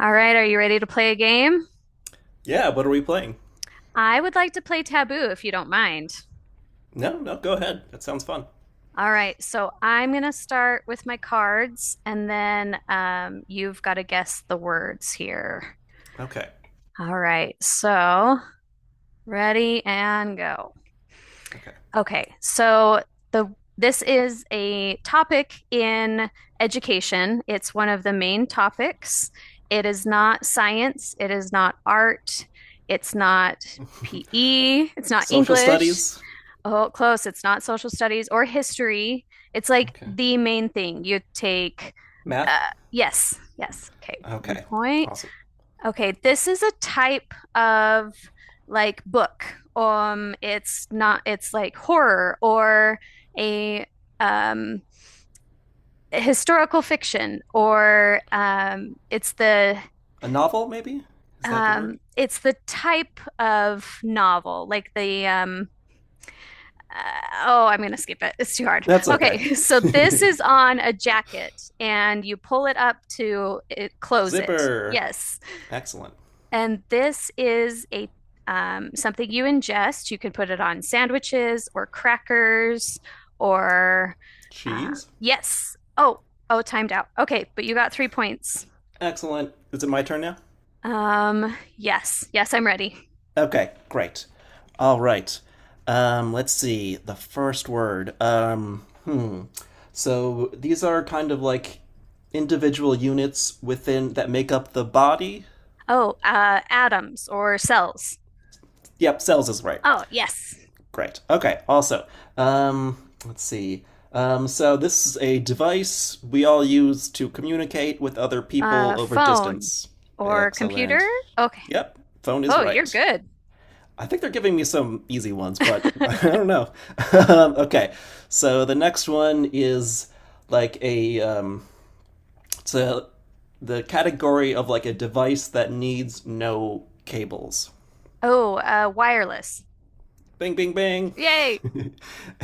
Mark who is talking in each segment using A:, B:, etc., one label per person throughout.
A: All right, are you ready to play a game?
B: Yeah, what are we playing?
A: I would like to play Taboo if you don't mind.
B: No, no, go ahead. That sounds fun.
A: All right, so I'm going to start with my cards and then you've got to guess the words here.
B: Okay.
A: All right, so ready and go.
B: Okay.
A: Okay, so the this is a topic in education. It's one of the main topics. It is not science, it is not art, it's not PE, it's not
B: Social
A: English.
B: studies.
A: Oh, close. It's not social studies or history. It's like
B: Okay.
A: the main thing you take. Uh,
B: Math.
A: yes, yes. Okay, one
B: Okay.
A: point.
B: Awesome.
A: Okay, this is a type of like book. It's not, it's like horror or a um historical fiction or it's
B: A novel, maybe? Is that the word?
A: the type of novel, like the oh, I'm going to skip it. It's too hard.
B: That's okay.
A: Okay, so this is on a jacket and you pull it up to it, close it.
B: Zipper.
A: Yes.
B: Excellent.
A: And this is a something you ingest. You can put it on sandwiches or crackers or
B: Cheese.
A: yes. Oh, oh, timed out. Okay, but you got 3 points.
B: Excellent. Is it my turn now?
A: Yes, yes, I'm ready.
B: Okay, great. All right. Let's see. The first word. Hmm. So these are kind of like individual units within that make up the body.
A: Oh, atoms or cells.
B: Yep, cells is right.
A: Oh, yes.
B: Great. Okay. Also, let's see. So this is a device we all use to communicate with other people over
A: Phone
B: distance.
A: or computer?
B: Excellent.
A: Okay.
B: Yep, phone is
A: Oh, you're
B: right.
A: good.
B: I think they're giving me some easy ones, but I don't know. Okay, so the next one is like it's a, the category of like a device that needs no cables.
A: Oh, wireless.
B: Bing, bing, bing.
A: Yay.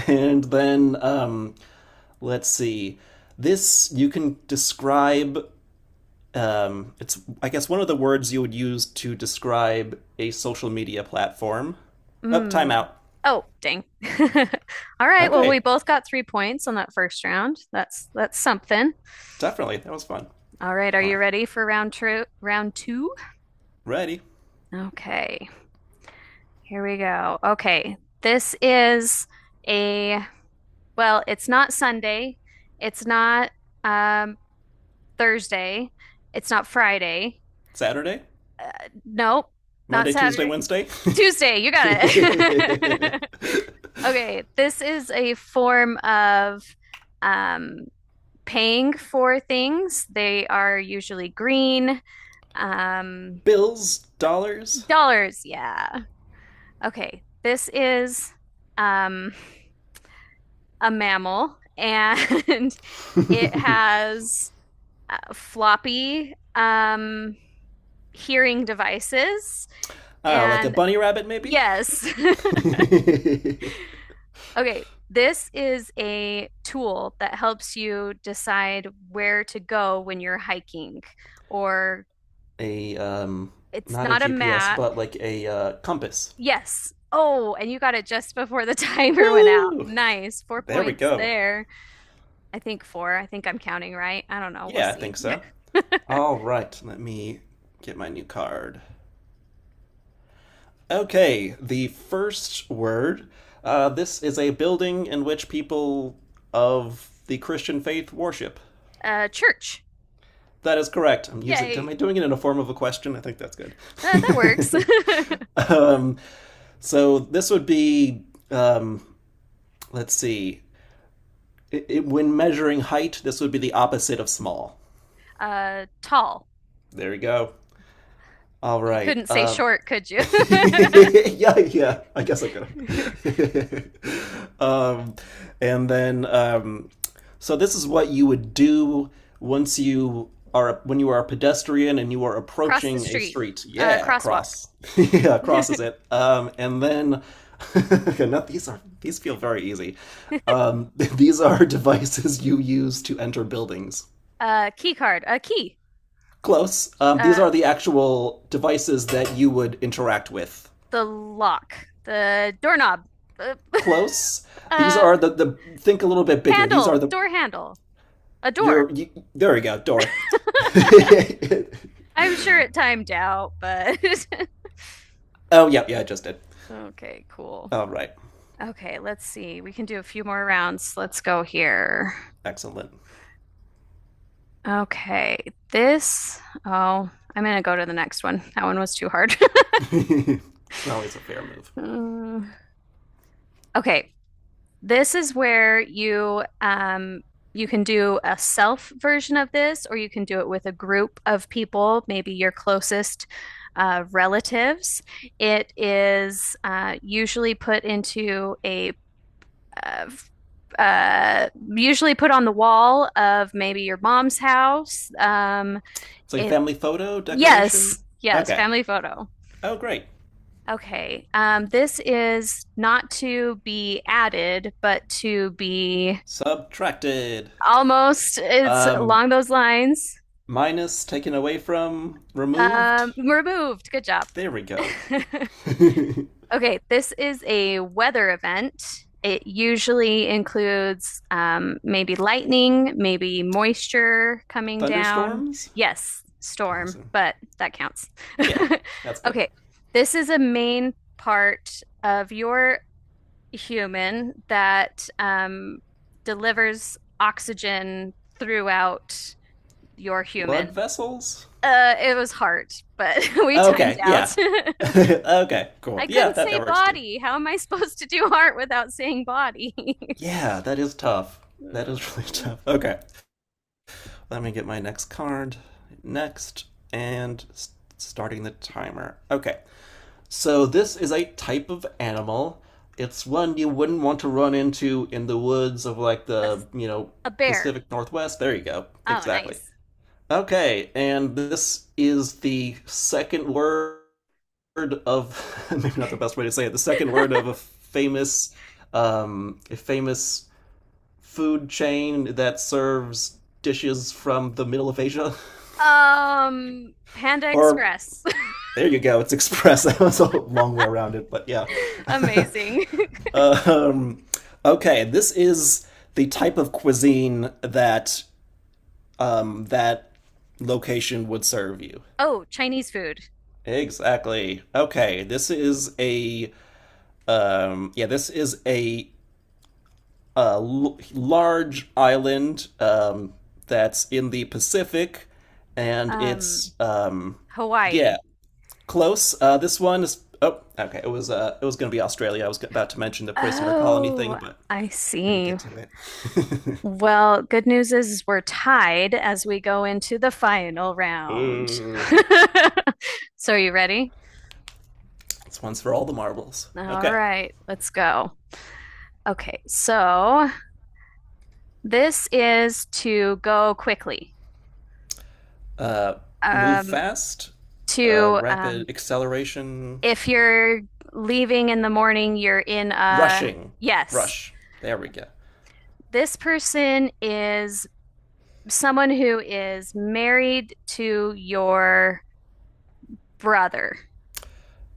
B: And then let's see. This you can describe. It's, I guess, one of the words you would use to describe a social media platform. Up, oh, time
A: Mm.
B: out.
A: Oh, dang. All right. Well, we
B: Okay,
A: both got 3 points on that first round. That's something.
B: definitely that was fun.
A: All right. Are
B: All
A: you
B: right,
A: ready for round two? Round two?
B: ready?
A: Okay. Here we go. Okay. This is a well, it's not Sunday. It's not um, Thursday. It's not Friday.
B: Saturday,
A: Uh, nope, not
B: Monday, Tuesday,
A: Saturday.
B: Wednesday.
A: Tuesday, you got it. Okay, this is a form of um, paying for things. They are usually green. Um,
B: Bills, dollars.
A: dollars, yeah. Okay, this is um, a mammal and it has floppy hearing devices.
B: Ah, like a
A: And
B: bunny rabbit, maybe.
A: yes, Okay, this is a tool that helps you decide where to go when you're hiking, or
B: a
A: it's
B: Not a
A: not a
B: GPS,
A: map.
B: but like a compass.
A: Yes. Oh, and you got it just before the timer went out.
B: Woo!
A: Nice. Four
B: There we
A: points
B: go.
A: there. I think four. I think I'm counting right. I don't know. We'll
B: Yeah, I
A: see.
B: think so. All right, let me get my new card. Okay, the first word. This is a building in which people of the Christian faith worship.
A: Church.
B: That is correct. I'm using. Am
A: Yay.
B: I doing it in a form of a question? I think that's good.
A: That works.
B: um, so this would be. Um, let's see. When measuring height, this would be the opposite of small.
A: Tall.
B: There we go. All
A: You
B: right.
A: couldn't say short, could you?
B: Yeah, yeah. I guess I could. Have. And then so this is what you would do once you are when you are a pedestrian and you are
A: Cross the
B: approaching a
A: street.
B: street. Yeah,
A: Crosswalk.
B: cross. yeah, crosses it. And then, okay, not these are these feel very easy. These are devices you use to enter buildings.
A: Key card. A key.
B: Close. These
A: Uh,
B: are the actual devices that you would interact with.
A: the lock. The doorknob. Uh,
B: Close. These
A: uh,
B: are the think a little bit bigger. These are
A: handle.
B: the
A: Door handle. A door.
B: your you, there we go door.
A: I'm sure it timed out, but
B: oh yeah yeah I just did.
A: okay, cool.
B: All right,
A: Okay, let's see. We can do a few more rounds. Let's go here.
B: excellent.
A: Okay, this. Oh, I'm gonna go to the next one. That one was too hard.
B: Always a fair move.
A: Okay, this is where you you can do a self version of this, or you can do it with a group of people, maybe your closest relatives. It is usually put into a uh, usually put on the wall of maybe your mom's house.
B: It's like a
A: It
B: family photo
A: yes,
B: decoration.
A: yes,
B: Okay.
A: family photo.
B: Oh great.
A: Okay. This is not to be added, but to be
B: Subtracted.
A: almost. It's
B: Um,
A: along those lines.
B: minus taken away from removed.
A: Removed. Good job.
B: There we go.
A: Okay, this is a weather event. It usually includes maybe lightning, maybe moisture coming down.
B: Thunderstorms.
A: Yes, storm,
B: Awesome.
A: but that counts.
B: Yeah, that's good.
A: Okay, this is a main part of your human that delivers oxygen throughout your
B: Blood
A: human.
B: vessels?
A: It was hard, but we timed
B: Okay,
A: out.
B: yeah. okay, cool.
A: I
B: Yeah,
A: couldn't say
B: that works too.
A: body. How am I supposed to do art without saying body?
B: Yeah, that is tough. That is really
A: Oh.
B: tough. Okay, let me get my next card. Next, and starting the timer. Okay, so this is a type of animal. It's one you wouldn't want to run into in the woods of like
A: A, s-
B: the, you know,
A: a bear.
B: Pacific Northwest. There you go.
A: Oh,
B: Exactly.
A: nice.
B: Okay, and this is the second word of maybe not the best way to say it. The second word of a famous food chain that serves dishes from the middle of Asia.
A: Panda
B: Or
A: Express.
B: there you go, it's express. That was a long way around it, but yeah.
A: Amazing.
B: um, okay, this is the type of cuisine that location would serve you.
A: Oh, Chinese food.
B: Exactly. Okay, this is a yeah, this is a large island that's in the Pacific, and
A: Um,
B: it's yeah,
A: Hawaii.
B: close. This one is oh, okay. It was going to be Australia. I was about to mention the prisoner colony thing,
A: Oh,
B: but
A: I
B: didn't
A: see.
B: get to it.
A: Well, good news is we're tied as we go into the final round.
B: Ooh,
A: So, are you ready?
B: this one's for all the marbles.
A: All
B: Okay,
A: right, let's go. Okay, so this is to go quickly.
B: uh, move
A: Um,
B: fast,
A: to
B: rapid acceleration,
A: if you're leaving in the morning, you're in a
B: rushing,
A: yes.
B: rush. There we go.
A: This person is someone who is married to your brother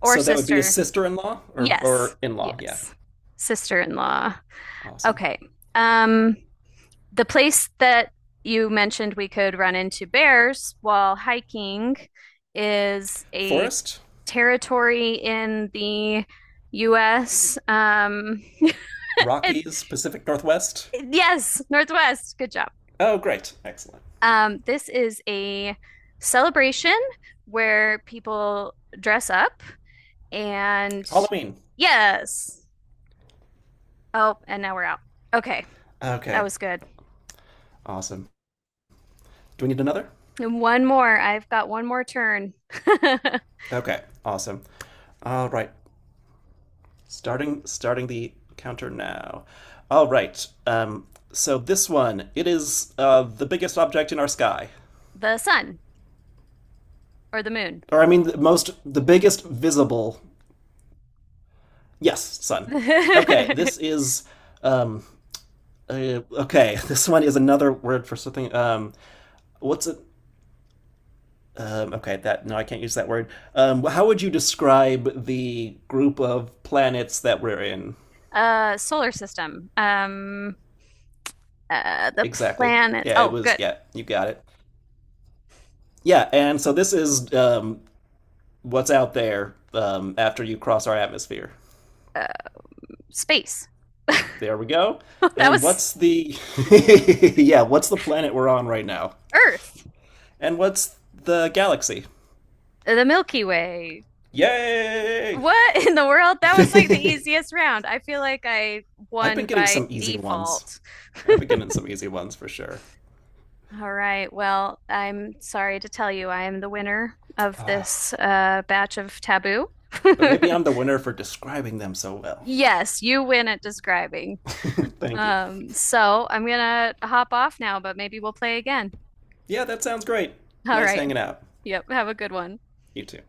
A: or
B: So that would be a
A: sister.
B: sister-in-law
A: Yes,
B: or in-law. Yeah,
A: yes, sister-in-law.
B: awesome.
A: Okay. Um, the place that you mentioned we could run into bears while hiking is a
B: Forest?
A: territory in the US. And-
B: Rockies? Pacific Northwest?
A: yes, Northwest. Good job.
B: Oh, great. Excellent.
A: This is a celebration where people dress up and
B: Halloween.
A: yes. Oh, and now we're out. Okay, that
B: Okay.
A: was good.
B: Awesome. Do we need another?
A: And one more. I've got one more turn.
B: Okay. Awesome. All right. Starting starting the counter now. All right. So this one, it is the biggest object in our sky.
A: The sun. Or the moon.
B: Or I mean the biggest visible. Yes, sun. Okay, this is um okay, this one is another word for something what's it Okay, that no, I can't use that word. How would you describe the group of planets that we're in
A: Solar system. The
B: exactly?
A: planets.
B: Yeah, it
A: Oh,
B: was.
A: good.
B: Yeah, you got it. Yeah, and so this is what's out there after you cross our atmosphere.
A: Uh, space.
B: There we go.
A: That
B: And
A: was
B: what's the yeah? What's the planet we're on right now?
A: Earth.
B: And what's the galaxy?
A: The Milky Way.
B: Yay!
A: What in the world? That was like the easiest round. I feel like I
B: I've
A: won
B: been getting
A: by
B: some easy ones.
A: default.
B: I've been getting some easy ones for sure.
A: All right. Well, I'm sorry to tell you, I am the winner of
B: Ah.
A: this batch of taboo.
B: But maybe I'm the winner for describing them so well.
A: Yes, you win at describing.
B: Thank you.
A: So I'm gonna hop off now, but maybe we'll play again.
B: Yeah, that sounds great.
A: All
B: Nice
A: right.
B: hanging out.
A: Yep. Have a good one.
B: You too.